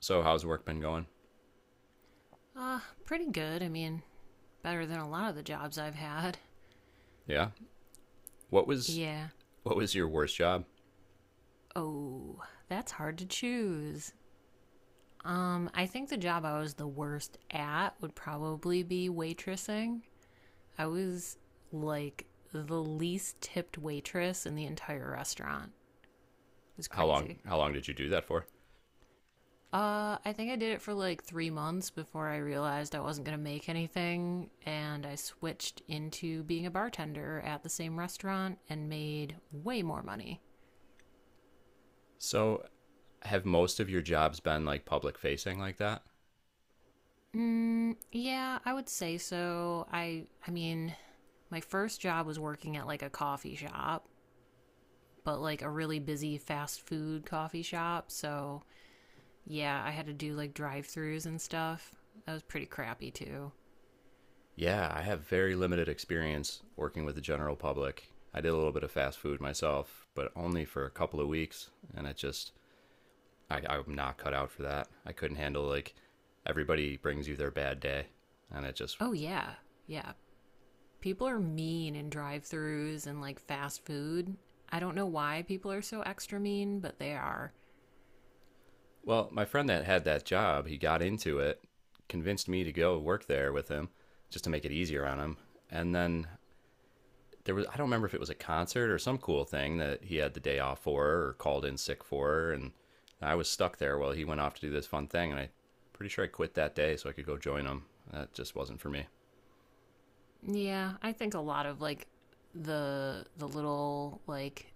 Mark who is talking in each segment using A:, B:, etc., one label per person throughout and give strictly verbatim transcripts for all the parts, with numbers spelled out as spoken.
A: So how's work been going?
B: Uh, pretty good. I mean, better than a lot of the jobs I've had.
A: Yeah. What was
B: Yeah.
A: what was your worst job?
B: Oh, that's hard to choose. Um, I think the job I was the worst at would probably be waitressing. I was like the least tipped waitress in the entire restaurant. It was
A: How
B: crazy.
A: long how long did you do that for?
B: Uh, I think I did it for like three months before I realized I wasn't gonna make anything, and I switched into being a bartender at the same restaurant and made way more money.
A: So have most of your jobs been like public facing like that?
B: Mm, yeah, I would say so. I I mean, my first job was working at like a coffee shop, but like a really busy fast food coffee shop. So, yeah, I had to do like drive-throughs and stuff. That was pretty crappy too.
A: Yeah, I have very limited experience working with the general public. I did a little bit of fast food myself, but only for a couple of weeks, and it just I, I'm not cut out for that. I couldn't handle like everybody brings you their bad day, and it just
B: Oh yeah. Yeah. People are mean in drive-throughs and like fast food. I don't know why people are so extra mean, but they are.
A: Well, my friend that had that job, he got into it, convinced me to go work there with him just to make it easier on him. And then there was, I don't remember if it was a concert or some cool thing that he had the day off for or called in sick for. And I was stuck there while he went off to do this fun thing. And I am pretty sure I quit that day so I could go join him. That just wasn't for me.
B: Yeah, I think a lot of like the the little like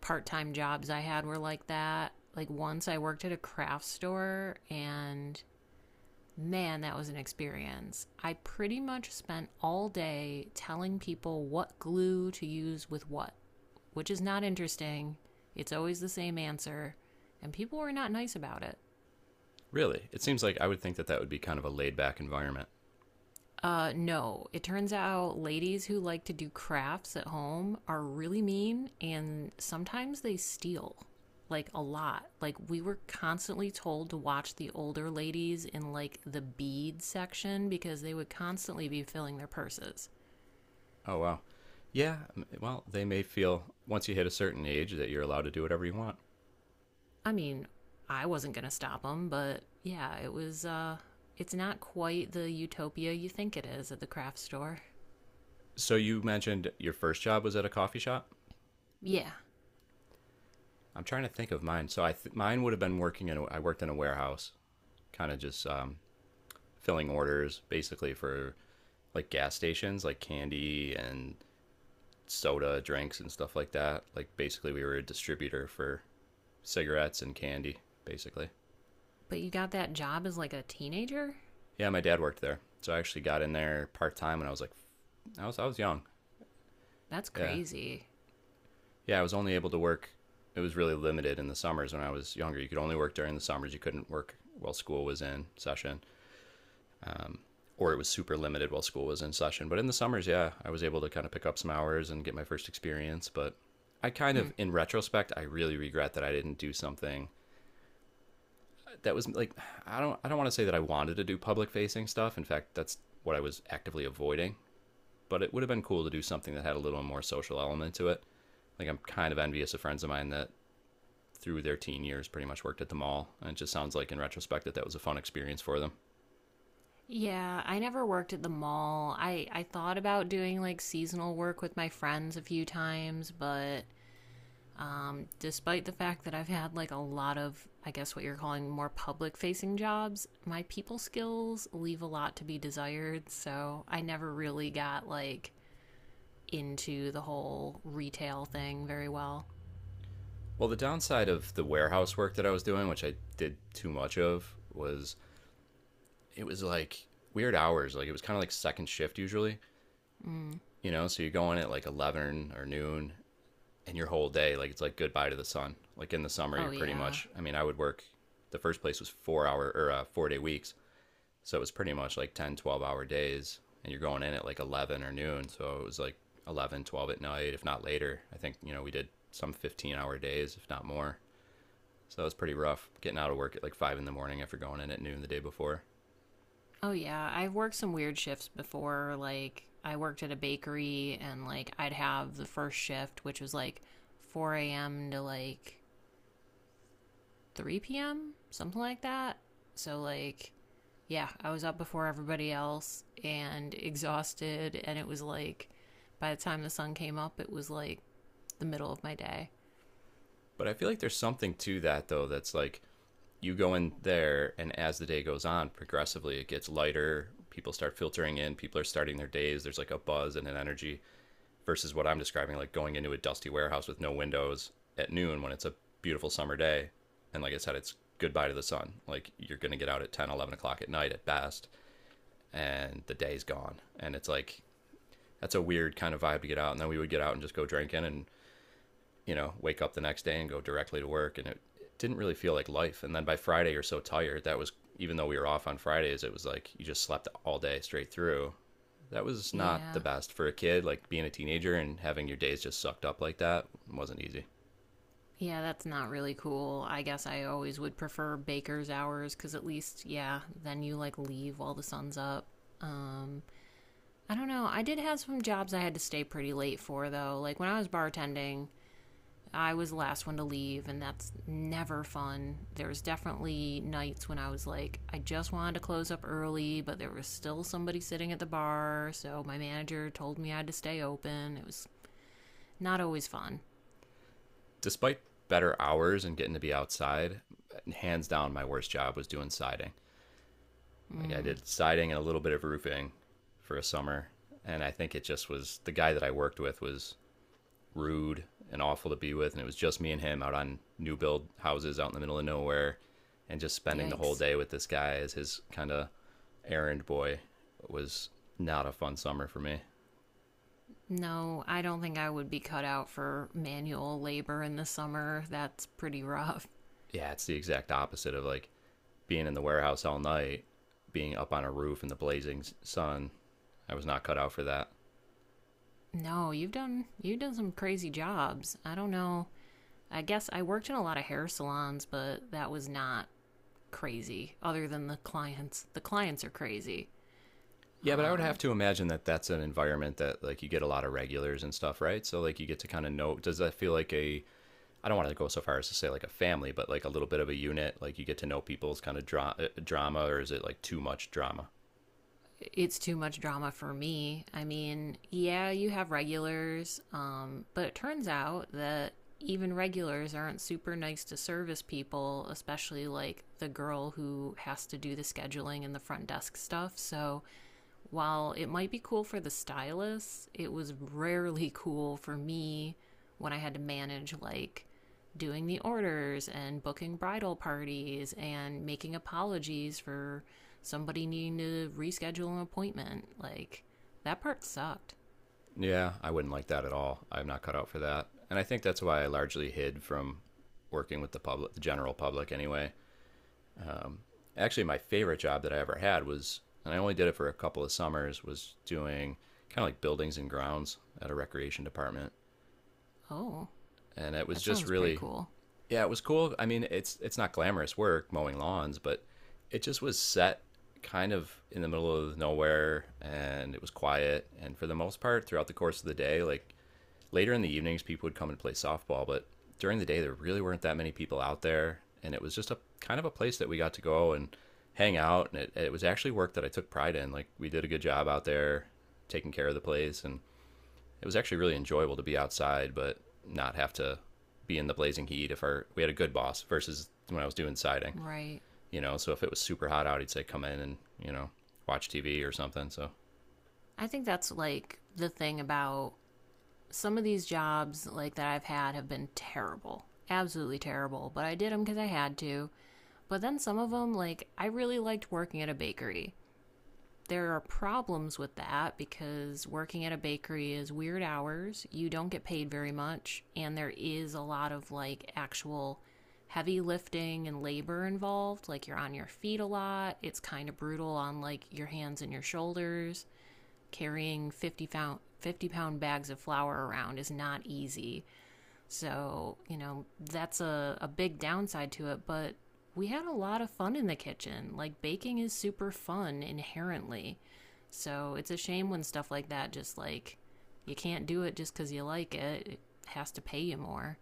B: part time jobs I had were like that. Like once I worked at a craft store and man, that was an experience. I pretty much spent all day telling people what glue to use with what, which is not interesting. It's always the same answer, and people were not nice about it.
A: Really, it seems like I would think that that would be kind of a laid back environment.
B: Uh, no. It turns out ladies who like to do crafts at home are really mean and sometimes they steal. Like a lot. Like we were constantly told to watch the older ladies in like the bead section because they would constantly be filling their purses.
A: Oh, wow. Yeah, well, they may feel once you hit a certain age that you're allowed to do whatever you want.
B: I mean, I wasn't going to stop them, but yeah, it was uh it's not quite the utopia you think it is at the craft store.
A: So you mentioned your first job was at a coffee shop.
B: Yeah,
A: I'm trying to think of mine. So I th- mine would have been working in a, I worked in a warehouse, kind of just um, filling orders basically for like gas stations, like candy and soda drinks and stuff like that. Like basically we were a distributor for cigarettes and candy basically.
B: but you got that job as like a teenager?
A: Yeah, my dad worked there. So I actually got in there part-time when I was like I was I was young.
B: That's
A: Yeah.
B: crazy.
A: Yeah, I was only able to work. It was really limited in the summers when I was younger. You could only work during the summers. You couldn't work while school was in session, um, or it was super limited while school was in session. But in the summers, yeah, I was able to kind of pick up some hours and get my first experience. But I kind
B: Hmm.
A: of, in retrospect, I really regret that I didn't do something that was like I don't I don't want to say that I wanted to do public facing stuff. In fact, that's what I was actively avoiding. But it would have been cool to do something that had a little more social element to it. Like I'm kind of envious of friends of mine that through their teen years pretty much worked at the mall. And it just sounds like in retrospect that that was a fun experience for them.
B: Yeah, I never worked at the mall. I I thought about doing like seasonal work with my friends a few times, but um, despite the fact that I've had like a lot of, I guess what you're calling more public facing jobs, my people skills leave a lot to be desired. So I never really got like into the whole retail thing very well.
A: Well, the downside of the warehouse work that I was doing, which I did too much of, was it was like weird hours. Like it was kind of like second shift usually,
B: Mm.
A: you know? So you go in at like eleven or noon and your whole day, like it's like goodbye to the sun. Like in the summer, you're
B: Oh,
A: pretty
B: yeah.
A: much, I mean, I would work, the first place was four hour or uh, four day weeks. So it was pretty much like ten, twelve hour days. And you're going in at like eleven or noon. So it was like eleven, twelve at night, if not later. I think, you know, we did some fifteen hour days, if not more. So it was pretty rough getting out of work at like five in the morning after going in at noon the day before.
B: Oh yeah, I've worked some weird shifts before. Like I worked at a bakery, and like I'd have the first shift, which was like four a m to like three p m, something like that. So like, yeah, I was up before everybody else and exhausted, and it was like, by the time the sun came up, it was like the middle of my day.
A: But I feel like there's something to that though that's like you go in there and as the day goes on, progressively it gets lighter. People start filtering in, people are starting their days. There's like a buzz and an energy, versus what I'm describing, like going into a dusty warehouse with no windows at noon when it's a beautiful summer day. And like I said, it's goodbye to the sun. Like you're going to get out at ten, eleven o'clock at night at best, and the day's gone. And it's like, that's a weird kind of vibe to get out. And then we would get out and just go drinking and, you know, wake up the next day and go directly to work. And it, it didn't really feel like life. And then by Friday, you're so tired. That was, even though we were off on Fridays, it was like you just slept all day straight through. That was not the
B: Yeah.
A: best for a kid. Like being a teenager and having your days just sucked up like that wasn't easy.
B: Yeah, that's not really cool. I guess I always would prefer baker's hours because at least, yeah, then you like leave while the sun's up. Um, I don't know. I did have some jobs I had to stay pretty late for, though. Like when I was bartending, I was the last one to leave, and that's never fun. There was definitely nights when I was like, I just wanted to close up early, but there was still somebody sitting at the bar, so my manager told me I had to stay open. It was not always fun.
A: Despite better hours and getting to be outside, hands down, my worst job was doing siding. Like I
B: Mm,
A: did siding and a little bit of roofing for a summer. And I think it just was the guy that I worked with was rude and awful to be with. And it was just me and him out on new build houses out in the middle of nowhere and just spending the whole
B: yikes.
A: day with this guy as his kind of errand boy was not a fun summer for me.
B: No, I don't think I would be cut out for manual labor in the summer. That's pretty rough.
A: Yeah, it's the exact opposite of like being in the warehouse all night, being up on a roof in the blazing sun. I was not cut out for that.
B: No, you've done you've done some crazy jobs. I don't know. I guess I worked in a lot of hair salons, but that was not crazy, other than the clients. The clients are crazy.
A: Yeah, but I would have
B: Um,
A: to imagine that that's an environment that like you get a lot of regulars and stuff, right? So like you get to kind of know does that feel like a I don't want to go so far as to say like a family, but like a little bit of a unit. Like you get to know people's kind of dra- uh, drama, or is it like too much drama?
B: it's too much drama for me. I mean, yeah, you have regulars, um, but it turns out that even regulars aren't super nice to service people, especially like the girl who has to do the scheduling and the front desk stuff. So while it might be cool for the stylus, it was rarely cool for me when I had to manage like doing the orders and booking bridal parties and making apologies for somebody needing to reschedule an appointment. Like, that part sucked.
A: Yeah, I wouldn't like that at all. I'm not cut out for that, and I think that's why I largely hid from working with the public, the general public, anyway. Um, Actually, my favorite job that I ever had was, and I only did it for a couple of summers, was doing kind of like buildings and grounds at a recreation department,
B: Oh,
A: and it was
B: that
A: just
B: sounds pretty
A: really
B: cool.
A: yeah, it was cool. I mean, it's it's not glamorous work mowing lawns, but it just was set kind of in the middle of nowhere and it was quiet and for the most part throughout the course of the day, like later in the evenings people would come and play softball, but during the day there really weren't that many people out there and it was just a kind of a place that we got to go and hang out and it, it was actually work that I took pride in. Like we did a good job out there taking care of the place and it was actually really enjoyable to be outside, but not have to be in the blazing heat. If our We had a good boss versus when I was doing siding,
B: Right.
A: you know. So if it was super hot out, he'd say come in and, you know, watch T V or something. So
B: I think that's like the thing about some of these jobs like that I've had have been terrible. Absolutely terrible, but I did them cuz I had to. But then some of them, like, I really liked working at a bakery. There are problems with that because working at a bakery is weird hours. You don't get paid very much. And there is a lot of, like, actual heavy lifting and labor involved. Like, you're on your feet a lot. It's kind of brutal on, like, your hands and your shoulders. Carrying fifty pound, fifty pound bags of flour around is not easy. So, you know, that's a, a big downside to it, but we had a lot of fun in the kitchen. Like, baking is super fun inherently. So, it's a shame when stuff like that just like you can't do it just because you like it. It has to pay you more.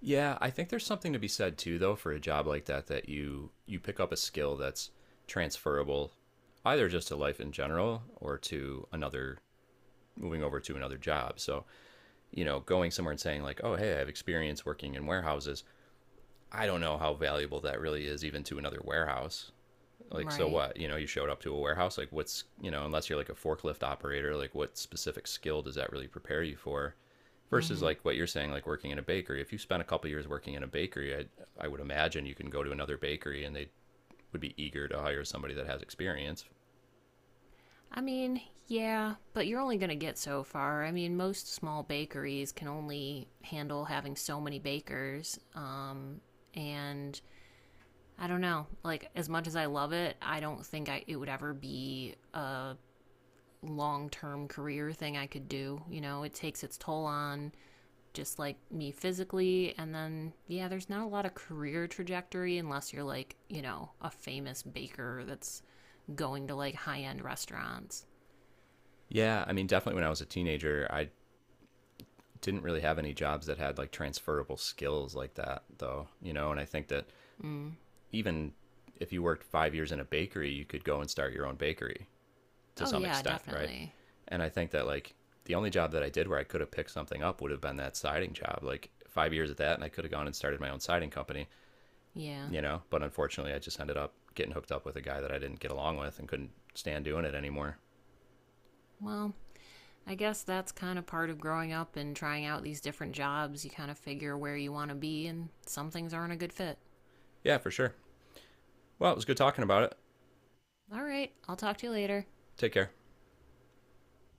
A: yeah, I think there's something to be said too, though, for a job like that that you you pick up a skill that's transferable, either just to life in general or to another moving over to another job. So, you know, going somewhere and saying like, oh hey, I have experience working in warehouses. I don't know how valuable that really is even to another warehouse. Like so
B: Right.
A: what, you know, you showed up to a warehouse like what's, you know, unless you're like a forklift operator, like what specific skill does that really prepare you for
B: Mm
A: versus
B: hmm.
A: like what you're saying, like working in a bakery. If you spent a couple of years working in a bakery, I, I would imagine you can go to another bakery and they would be eager to hire somebody that has experience.
B: I mean, yeah, but you're only going to get so far. I mean, most small bakeries can only handle having so many bakers. Um, and I don't know. Like as much as I love it, I don't think I it would ever be a long-term career thing I could do. You know, it takes its toll on just like me physically and then yeah, there's not a lot of career trajectory unless you're like, you know, a famous baker that's going to like high-end restaurants.
A: Yeah, I mean, definitely when I was a teenager I didn't really have any jobs that had like transferable skills like that, though, you know. And I think that
B: Mm.
A: even if you worked five years in a bakery you could go and start your own bakery to
B: Oh
A: some
B: yeah,
A: extent, right?
B: definitely.
A: And I think that like the only job that I did where I could have picked something up would have been that siding job. Like five years at that, and I could have gone and started my own siding company,
B: Yeah.
A: you know. But unfortunately, I just ended up getting hooked up with a guy that I didn't get along with and couldn't stand doing it anymore.
B: Well, I guess that's kind of part of growing up and trying out these different jobs. You kind of figure where you want to be and some things aren't a good fit.
A: Yeah, for sure. Well, it was good talking about it.
B: All right. I'll talk to you later.
A: Take care.